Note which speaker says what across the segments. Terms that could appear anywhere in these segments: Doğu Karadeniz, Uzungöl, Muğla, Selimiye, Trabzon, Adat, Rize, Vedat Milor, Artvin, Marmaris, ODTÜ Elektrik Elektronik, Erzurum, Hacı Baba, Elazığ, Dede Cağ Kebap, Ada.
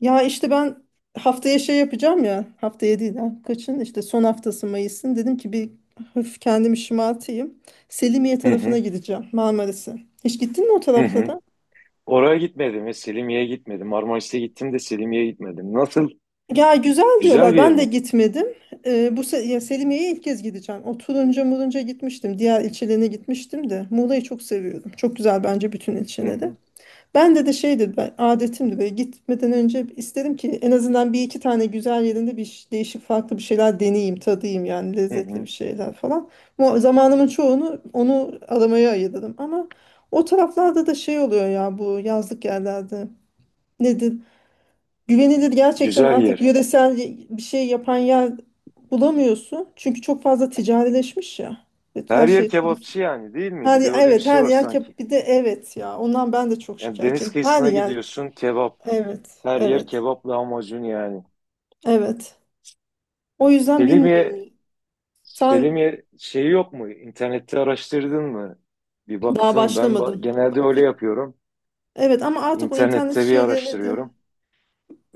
Speaker 1: Ya işte ben haftaya şey yapacağım ya. Haftaya değil ha. Kaçın? İşte son haftası Mayıs'ın. Dedim ki bir hafif kendimi şımartayım. Selimiye
Speaker 2: Hı
Speaker 1: tarafına
Speaker 2: hı,
Speaker 1: gideceğim. Marmaris'e. Hiç gittin mi o
Speaker 2: hı hı.
Speaker 1: taraflara?
Speaker 2: Oraya gitmedim ya, Selimiye'ye gitmedim. Marmaris'e gittim de Selimiye'ye gitmedim. Nasıl?
Speaker 1: Ya güzel
Speaker 2: Güzel
Speaker 1: diyorlar.
Speaker 2: bir yer
Speaker 1: Ben de
Speaker 2: mi?
Speaker 1: gitmedim. Ya Selimiye'ye ilk kez gideceğim. O Turunca Murunca gitmiştim. Diğer ilçelerine gitmiştim de. Muğla'yı çok seviyorum. Çok güzel bence bütün
Speaker 2: Hı
Speaker 1: ilçeleri.
Speaker 2: hı,
Speaker 1: Ben de şeydi ben, adetimdi böyle gitmeden önce istedim ki en azından bir iki tane güzel yerinde değişik farklı bir şeyler deneyeyim, tadayım yani
Speaker 2: hı
Speaker 1: lezzetli bir
Speaker 2: hı.
Speaker 1: şeyler falan. Bu zamanımın çoğunu onu aramaya ayırdım ama o taraflarda da şey oluyor ya, bu yazlık yerlerde nedir? Güvenilir gerçekten
Speaker 2: Güzel
Speaker 1: artık
Speaker 2: yer.
Speaker 1: yöresel bir şey yapan yer bulamıyorsun. Çünkü çok fazla ticarileşmiş ya. Evet, her
Speaker 2: Her yer
Speaker 1: şey turist.
Speaker 2: kebapçı yani, değil mi?
Speaker 1: Her,
Speaker 2: Bir de öyle bir
Speaker 1: evet,
Speaker 2: şey
Speaker 1: her
Speaker 2: var
Speaker 1: yer
Speaker 2: sanki.
Speaker 1: bir de evet ya, ondan ben de çok
Speaker 2: Yani deniz
Speaker 1: şikayetçiyim. Her
Speaker 2: kıyısına
Speaker 1: yer
Speaker 2: gidiyorsun, kebap.
Speaker 1: Evet,
Speaker 2: Her yer
Speaker 1: evet,
Speaker 2: kebap lahmacun yani.
Speaker 1: evet. O yüzden
Speaker 2: Selimiye,
Speaker 1: bilmiyorum. Sen
Speaker 2: Selimiye şeyi yok mu? İnternette araştırdın mı? Bir
Speaker 1: daha
Speaker 2: baktın. Ben
Speaker 1: başlamadın.
Speaker 2: genelde
Speaker 1: Bak,
Speaker 2: öyle yapıyorum.
Speaker 1: evet, ama artık o internet
Speaker 2: İnternette bir
Speaker 1: şeylerine de
Speaker 2: araştırıyorum.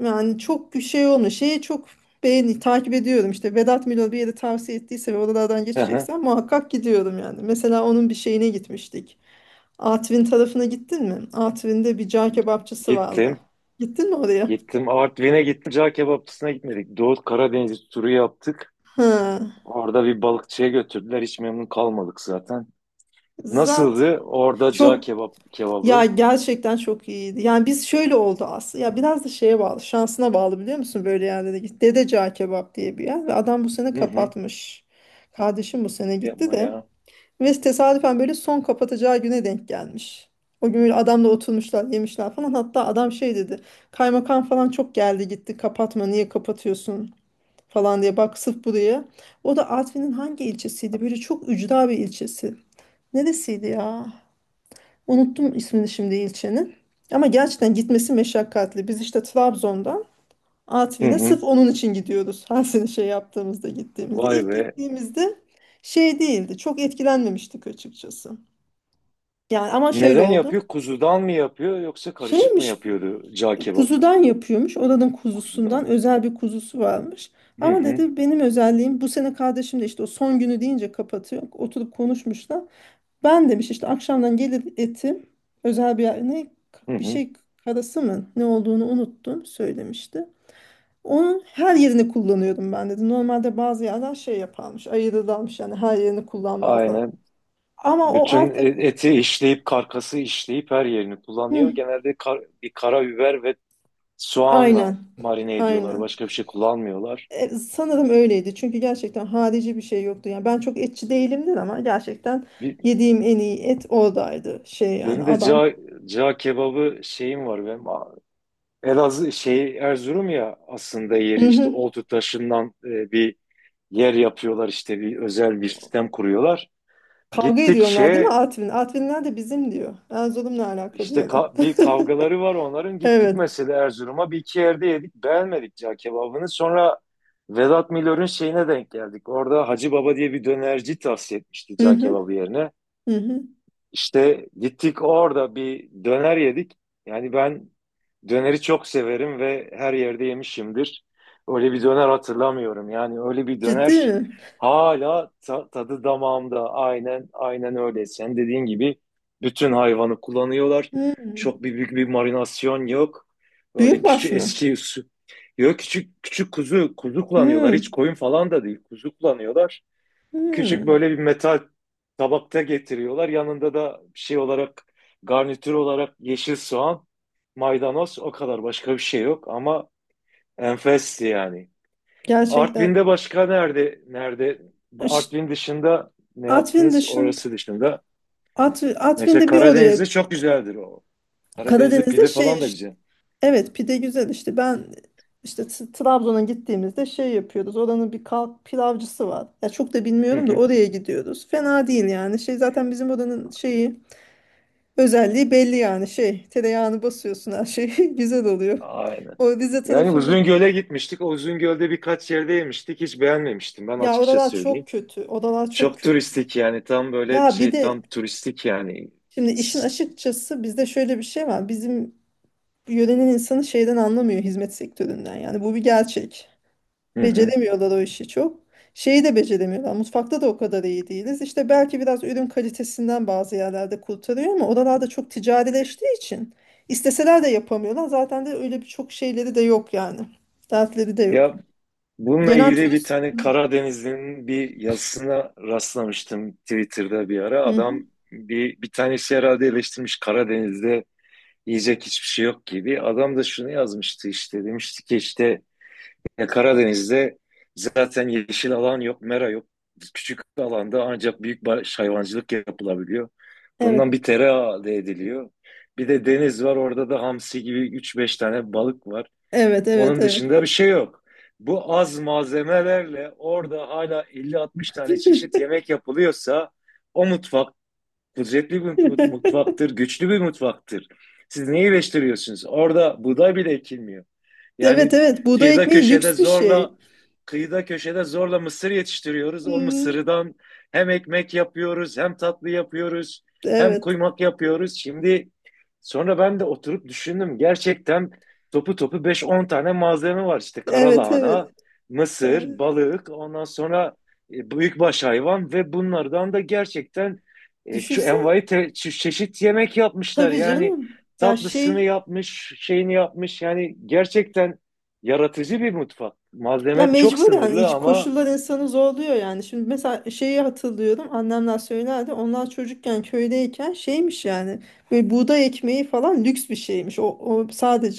Speaker 1: yani çok şey olmuyor. Şeye çok beğeni takip ediyorum. İşte Vedat Milor bir yere tavsiye ettiyse ve oralardan
Speaker 2: Hı hı.
Speaker 1: geçeceksen muhakkak gidiyorum yani. Mesela onun bir şeyine gitmiştik. Artvin tarafına gittin mi? Artvin'de bir cağ kebapçısı vardı.
Speaker 2: Gittim.
Speaker 1: Gittin mi oraya?
Speaker 2: Gittim, Artvin'e gittim. Cağ kebapçısına gitmedik. Doğu Karadeniz turu yaptık.
Speaker 1: Ha.
Speaker 2: Orada bir balıkçıya götürdüler. Hiç memnun kalmadık zaten.
Speaker 1: Zaten
Speaker 2: Nasıldı orada cağ
Speaker 1: çok
Speaker 2: kebap
Speaker 1: Ya,
Speaker 2: kebabı.
Speaker 1: gerçekten çok iyiydi. Yani biz şöyle oldu aslında. Ya biraz da şeye bağlı, şansına bağlı, biliyor musun böyle yerlere git. Dede Cağ Kebap diye bir yer ve adam bu sene
Speaker 2: Hı hı.
Speaker 1: kapatmış. Kardeşim bu sene gitti
Speaker 2: Yapma
Speaker 1: de.
Speaker 2: ya.
Speaker 1: Ve tesadüfen böyle son kapatacağı güne denk gelmiş. O gün böyle adamla oturmuşlar, yemişler falan. Hatta adam şey dedi. Kaymakam falan çok geldi gitti. Kapatma, niye kapatıyorsun falan diye. Bak sırf buraya. O da Artvin'in hangi ilçesiydi? Böyle çok ücra bir ilçesi. Neresiydi ya? Unuttum ismini şimdi ilçenin. Ama gerçekten gitmesi meşakkatli. Biz işte Trabzon'dan
Speaker 2: Hı
Speaker 1: Artvin'e
Speaker 2: hı.
Speaker 1: sırf onun için gidiyoruz. Her sene şey yaptığımızda, gittiğimizde.
Speaker 2: Vay
Speaker 1: İlk
Speaker 2: be.
Speaker 1: gittiğimizde şey değildi. Çok etkilenmemiştik açıkçası. Yani ama şöyle
Speaker 2: Neden
Speaker 1: oldu.
Speaker 2: yapıyor? Kuzudan mı yapıyor, yoksa karışık mı
Speaker 1: Şeymiş,
Speaker 2: yapıyordu cağ kebabı?
Speaker 1: kuzudan yapıyormuş. Oranın kuzusundan
Speaker 2: Kuzudan.
Speaker 1: özel bir kuzusu varmış.
Speaker 2: Hı
Speaker 1: Ama
Speaker 2: hı.
Speaker 1: dedi, benim özelliğim bu sene kardeşim de işte o son günü deyince kapatıyor. Oturup konuşmuşlar. Ben demiş işte akşamdan gelir etim, özel ne
Speaker 2: Hı
Speaker 1: bir
Speaker 2: hı.
Speaker 1: şey karası mı ne olduğunu unuttum söylemişti. Onun her yerini kullanıyordum ben dedi. Normalde bazı yerler şey yaparmış, ayırırlarmış, yani her yerini kullanmazlar.
Speaker 2: Aynen.
Speaker 1: Ama o
Speaker 2: Bütün
Speaker 1: artık
Speaker 2: eti işleyip, karkası işleyip her yerini kullanıyor.
Speaker 1: hı,
Speaker 2: Genelde bir karabiber ve soğanla
Speaker 1: aynen,
Speaker 2: marine ediyorlar.
Speaker 1: aynen.
Speaker 2: Başka bir şey kullanmıyorlar.
Speaker 1: Sanırım öyleydi çünkü gerçekten harici bir şey yoktu. Yani ben çok etçi değilimdir ama gerçekten
Speaker 2: Bir,
Speaker 1: yediğim en iyi et oradaydı, şey yani
Speaker 2: Benim de
Speaker 1: adam.
Speaker 2: cağ kebabı şeyim var benim. Elazığ şey, Erzurum ya aslında yeri,
Speaker 1: Hı
Speaker 2: işte
Speaker 1: hı.
Speaker 2: oltu taşından bir yer yapıyorlar, işte bir özel bir sistem kuruyorlar.
Speaker 1: Kavga
Speaker 2: Gittik
Speaker 1: ediyorlar değil mi
Speaker 2: şeye,
Speaker 1: Artvin? Artvinler de bizim diyor. Erzurum'la alaka
Speaker 2: işte
Speaker 1: diyorlar.
Speaker 2: bir kavgaları var onların. Gittik
Speaker 1: Evet.
Speaker 2: mesela Erzurum'a, bir iki yerde yedik, beğenmedik cağ kebabını. Sonra Vedat Milor'un şeyine denk geldik. Orada Hacı Baba diye bir dönerci tavsiye etmişti
Speaker 1: Hı
Speaker 2: cağ
Speaker 1: hı,
Speaker 2: kebabı yerine.
Speaker 1: hı hı.
Speaker 2: İşte gittik, orada bir döner yedik. Yani ben döneri çok severim ve her yerde yemişimdir. Öyle bir döner hatırlamıyorum. Yani öyle bir
Speaker 1: Ciddi
Speaker 2: döner,
Speaker 1: mi?
Speaker 2: hala tadı damağımda. Aynen aynen öyle. Sen dediğin gibi bütün hayvanı kullanıyorlar.
Speaker 1: Hı.
Speaker 2: Çok bir Büyük bir marinasyon yok. Öyle
Speaker 1: Büyükbaş
Speaker 2: küçük,
Speaker 1: mı?
Speaker 2: eski usul. Yok, küçük küçük kuzu kuzu kullanıyorlar.
Speaker 1: Hı.
Speaker 2: Hiç koyun falan da değil. Kuzu kullanıyorlar. Küçük,
Speaker 1: Hı.
Speaker 2: böyle bir metal tabakta getiriyorlar. Yanında da şey olarak, garnitür olarak yeşil soğan, maydanoz, o kadar, başka bir şey yok ama enfesti yani.
Speaker 1: Gerçekten.
Speaker 2: Artvin'de başka nerede,
Speaker 1: Ş-
Speaker 2: Artvin dışında ne
Speaker 1: Artvin
Speaker 2: yaptınız,
Speaker 1: dışın
Speaker 2: orası dışında?
Speaker 1: Artvin,
Speaker 2: Mesela
Speaker 1: Artvin'de bir oraya.
Speaker 2: Karadeniz'de çok güzeldir o. Karadeniz'de
Speaker 1: Karadeniz'de
Speaker 2: pide
Speaker 1: şey
Speaker 2: falan da
Speaker 1: işte.
Speaker 2: güzel.
Speaker 1: Evet, pide güzel işte ben Trabzon'a gittiğimizde şey yapıyoruz. Oranın bir kalk pilavcısı var. Ya çok da
Speaker 2: Hı
Speaker 1: bilmiyorum da
Speaker 2: hı.
Speaker 1: oraya gidiyoruz. Fena değil yani. Şey zaten bizim oranın şeyi, özelliği belli yani, şey tereyağını basıyorsun her şey güzel oluyor.
Speaker 2: Aynen.
Speaker 1: O Rize
Speaker 2: Yani
Speaker 1: tarafında,
Speaker 2: Uzungöl'e gitmiştik. O Uzungöl'de birkaç yerde yemiştik. Hiç beğenmemiştim ben,
Speaker 1: ya
Speaker 2: açıkça
Speaker 1: oralar
Speaker 2: söyleyeyim.
Speaker 1: çok kötü, odalar çok
Speaker 2: Çok
Speaker 1: kötü.
Speaker 2: turistik yani, tam böyle
Speaker 1: Ya bir
Speaker 2: şey, tam
Speaker 1: de
Speaker 2: turistik yani.
Speaker 1: şimdi işin açıkçası bizde şöyle bir şey var, bizim yörenin insanı şeyden anlamıyor, hizmet sektöründen, yani bu bir gerçek.
Speaker 2: Hı hı.
Speaker 1: Beceremiyorlar o işi çok. Şeyi de beceremiyorlar. Mutfakta da o kadar iyi değiliz. İşte belki biraz ürün kalitesinden bazı yerlerde kurtarıyor ama oralarda çok ticarileştiği için isteseler de yapamıyorlar. Zaten de öyle birçok şeyleri de yok yani. Dertleri de
Speaker 2: Ya,
Speaker 1: yok.
Speaker 2: bununla
Speaker 1: Gelen
Speaker 2: ilgili bir
Speaker 1: turist...
Speaker 2: tane Karadenizli'nin bir yazısına rastlamıştım Twitter'da bir ara.
Speaker 1: Hı
Speaker 2: Adam,
Speaker 1: hı.
Speaker 2: bir tanesi herhalde eleştirmiş Karadeniz'de yiyecek hiçbir şey yok gibi. Adam da şunu yazmıştı, işte demişti ki, işte, ya Karadeniz'de zaten yeşil alan yok, mera yok. Küçük alanda ancak büyük baş hayvancılık yapılabiliyor.
Speaker 1: Evet.
Speaker 2: Bundan bir tereyağı elde ediliyor. Bir de deniz var, orada da hamsi gibi üç beş tane balık var.
Speaker 1: Evet, evet,
Speaker 2: Onun
Speaker 1: evet.
Speaker 2: dışında bir şey yok. Bu az malzemelerle orada hala elli altmış tane çeşit yemek yapılıyorsa, o mutfak kudretli bir mutfaktır, güçlü bir mutfaktır. Siz neyi eleştiriyorsunuz? Orada buğday bile ekilmiyor.
Speaker 1: Evet,
Speaker 2: Yani
Speaker 1: evet. Buğday
Speaker 2: kıyıda
Speaker 1: ekmeği
Speaker 2: köşede
Speaker 1: lüks bir şey.
Speaker 2: zorla kıyıda köşede zorla mısır yetiştiriyoruz. O
Speaker 1: Hmm,
Speaker 2: mısırdan hem ekmek yapıyoruz, hem tatlı yapıyoruz, hem
Speaker 1: evet.
Speaker 2: kuymak yapıyoruz. Şimdi, sonra ben de oturup düşündüm. Gerçekten topu topu beş on tane malzeme var. İşte
Speaker 1: Evet, evet.
Speaker 2: karalahana, mısır,
Speaker 1: Evet.
Speaker 2: balık, ondan sonra büyükbaş hayvan. Ve bunlardan da gerçekten
Speaker 1: Düşünsen.
Speaker 2: envai çeşit yemek yapmışlar.
Speaker 1: Tabii
Speaker 2: Yani
Speaker 1: canım. Ya
Speaker 2: tatlısını yapmış, şeyini yapmış. Yani gerçekten yaratıcı bir mutfak.
Speaker 1: ya
Speaker 2: Malzeme çok
Speaker 1: mecburen
Speaker 2: sınırlı
Speaker 1: iç
Speaker 2: ama.
Speaker 1: koşullar insanı zorluyor yani. Şimdi mesela şeyi hatırlıyorum, annemler söylerdi. Onlar çocukken köydeyken şeymiş yani, böyle buğday ekmeği falan lüks bir şeymiş. O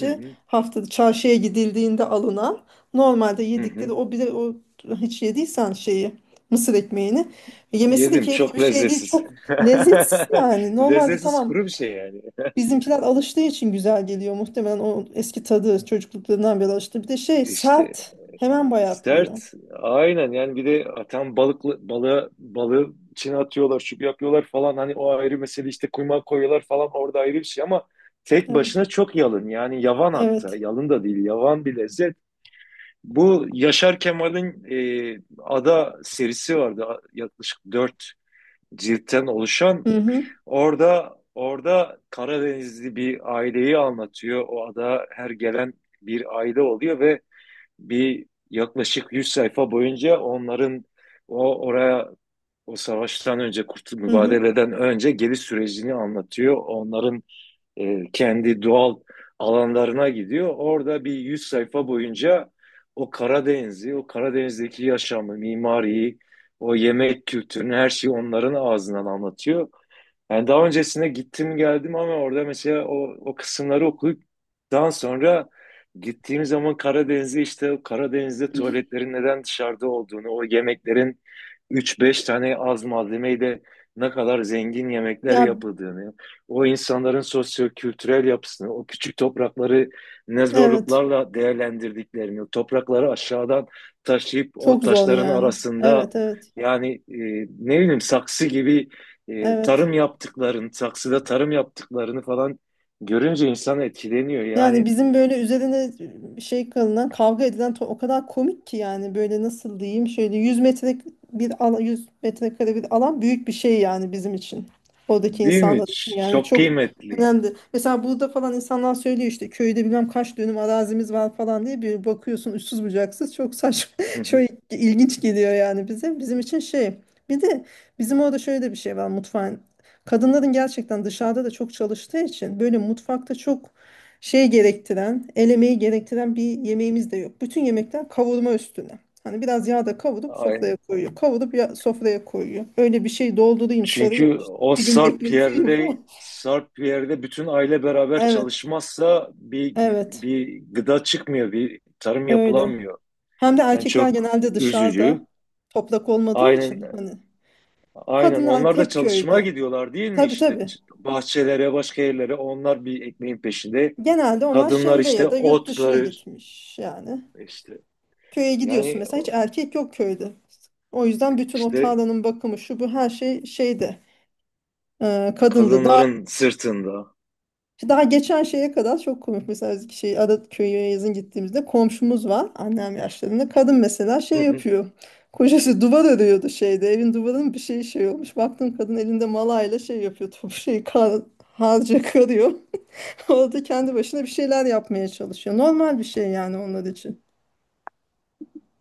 Speaker 2: Hı hı,
Speaker 1: haftada çarşıya gidildiğinde alınan, normalde
Speaker 2: hı
Speaker 1: yedikleri
Speaker 2: hı.
Speaker 1: o bile, o hiç yediysen şeyi, mısır ekmeğini yemesi de
Speaker 2: Yedim,
Speaker 1: keyifli bir
Speaker 2: çok
Speaker 1: şey değil.
Speaker 2: lezzetsiz.
Speaker 1: Çok lezzetsiz yani. Normalde
Speaker 2: Lezzetsiz,
Speaker 1: tamam
Speaker 2: kuru bir şey yani.
Speaker 1: bizimkiler alıştığı için güzel geliyor muhtemelen, o eski tadı çocukluklarından beri alıştı. Bir de şey,
Speaker 2: İşte.
Speaker 1: sert, hemen bayatlıyor.
Speaker 2: Sert. Aynen, yani bir de atan balıklı balığı içine atıyorlar, şu yapıyorlar falan, hani o ayrı mesele, işte kuymağı koyuyorlar falan orada, ayrı bir şey ama tek
Speaker 1: Evet.
Speaker 2: başına çok yalın yani, yavan, hatta
Speaker 1: Evet.
Speaker 2: yalın da değil, yavan bir lezzet. Bu Yaşar Kemal'in Ada serisi vardı, yaklaşık dört ciltten oluşan.
Speaker 1: Hı hı.
Speaker 2: Orada Karadenizli bir aileyi anlatıyor. O ada her gelen bir aile oluyor ve bir yaklaşık 100 sayfa boyunca onların o oraya, o savaştan önce,
Speaker 1: Hı hı.
Speaker 2: mübadeleden önce geliş sürecini anlatıyor. Onların kendi doğal alanlarına gidiyor. Orada bir 100 sayfa boyunca o Karadeniz'i, o Karadeniz'deki yaşamı, mimariyi, o yemek kültürünü, her şeyi onların ağzından anlatıyor. Yani daha öncesine gittim geldim ama orada mesela o kısımları okuduktan sonra gittiğim zaman Karadeniz'e, işte o Karadeniz'de tuvaletlerin neden dışarıda olduğunu, o yemeklerin üç beş tane az malzemeyle ne kadar zengin yemekler
Speaker 1: Ya
Speaker 2: yapıldığını, o insanların sosyo-kültürel yapısını, o küçük toprakları ne
Speaker 1: evet.
Speaker 2: zorluklarla değerlendirdiklerini, o toprakları aşağıdan taşıyıp o
Speaker 1: Çok zor
Speaker 2: taşların
Speaker 1: yani.
Speaker 2: arasında,
Speaker 1: Evet, evet.
Speaker 2: yani ne bileyim, saksı gibi
Speaker 1: Evet.
Speaker 2: tarım yaptıklarını, saksıda tarım yaptıklarını falan görünce insan etkileniyor.
Speaker 1: Yani
Speaker 2: Yani
Speaker 1: bizim böyle üzerine şey kalınan, kavga edilen, o kadar komik ki yani, böyle nasıl diyeyim, şöyle 100 metre bir alan, 100 metrekare bir alan, büyük bir şey yani bizim için. Oradaki
Speaker 2: değil mi?
Speaker 1: insanlar için yani
Speaker 2: Çok
Speaker 1: çok
Speaker 2: kıymetli.
Speaker 1: önemli. Mesela burada falan insanlar söylüyor işte, köyde bilmem kaç dönüm arazimiz var falan diye, bir bakıyorsun uçsuz bucaksız, çok saçma
Speaker 2: Hı
Speaker 1: çok
Speaker 2: hı.
Speaker 1: ilginç geliyor yani bize. Bizim için şey, bir de bizim orada şöyle de bir şey var mutfağın. Kadınların gerçekten dışarıda da çok çalıştığı için böyle mutfakta çok şey gerektiren, el emeği gerektiren bir yemeğimiz de yok. Bütün yemekler kavurma üstüne. Hani biraz yağda kavurup sofraya
Speaker 2: Aynen.
Speaker 1: koyuyor. Kavurup ya sofraya koyuyor. Öyle bir şey doldurayım, sarayım
Speaker 2: Çünkü
Speaker 1: işte.
Speaker 2: o
Speaker 1: İki gün
Speaker 2: sarp
Speaker 1: bekleteyim
Speaker 2: yerde
Speaker 1: falan.
Speaker 2: sarp yerde bütün aile beraber
Speaker 1: Evet,
Speaker 2: çalışmazsa bir
Speaker 1: evet.
Speaker 2: gıda çıkmıyor, bir tarım
Speaker 1: Öyle.
Speaker 2: yapılamıyor.
Speaker 1: Hem de
Speaker 2: Yani
Speaker 1: erkekler
Speaker 2: çok
Speaker 1: genelde
Speaker 2: üzücü.
Speaker 1: dışarıda, toprak olmadığı için
Speaker 2: Aynen,
Speaker 1: hani,
Speaker 2: aynen.
Speaker 1: kadınlar
Speaker 2: Onlar da
Speaker 1: hep
Speaker 2: çalışmaya
Speaker 1: köyde.
Speaker 2: gidiyorlar değil mi
Speaker 1: Tabii
Speaker 2: işte?
Speaker 1: tabii.
Speaker 2: Bahçelere, başka yerlere, onlar bir ekmeğin peşinde.
Speaker 1: Genelde onlar
Speaker 2: Kadınlar
Speaker 1: şehre
Speaker 2: işte
Speaker 1: ya da yurt dışına
Speaker 2: otları,
Speaker 1: gitmiş yani.
Speaker 2: İşte
Speaker 1: Köye gidiyorsun
Speaker 2: yani,
Speaker 1: mesela hiç erkek yok köyde. O yüzden bütün o
Speaker 2: işte
Speaker 1: tarlanın bakımı, şu bu, her şey şeyde kadındı. Daha
Speaker 2: kadınların sırtında.
Speaker 1: daha geçen şeye kadar çok komik, mesela biz şey Adat köyü yazın gittiğimizde komşumuz var, annem yaşlarında kadın, mesela şey yapıyor. Kocası duvar örüyordu şeyde, evin duvarının bir şey olmuş. Baktım kadın elinde malayla şey yapıyor, top şey kar, harca karıyor. Orada kendi başına bir şeyler yapmaya çalışıyor. Normal bir şey yani onlar için.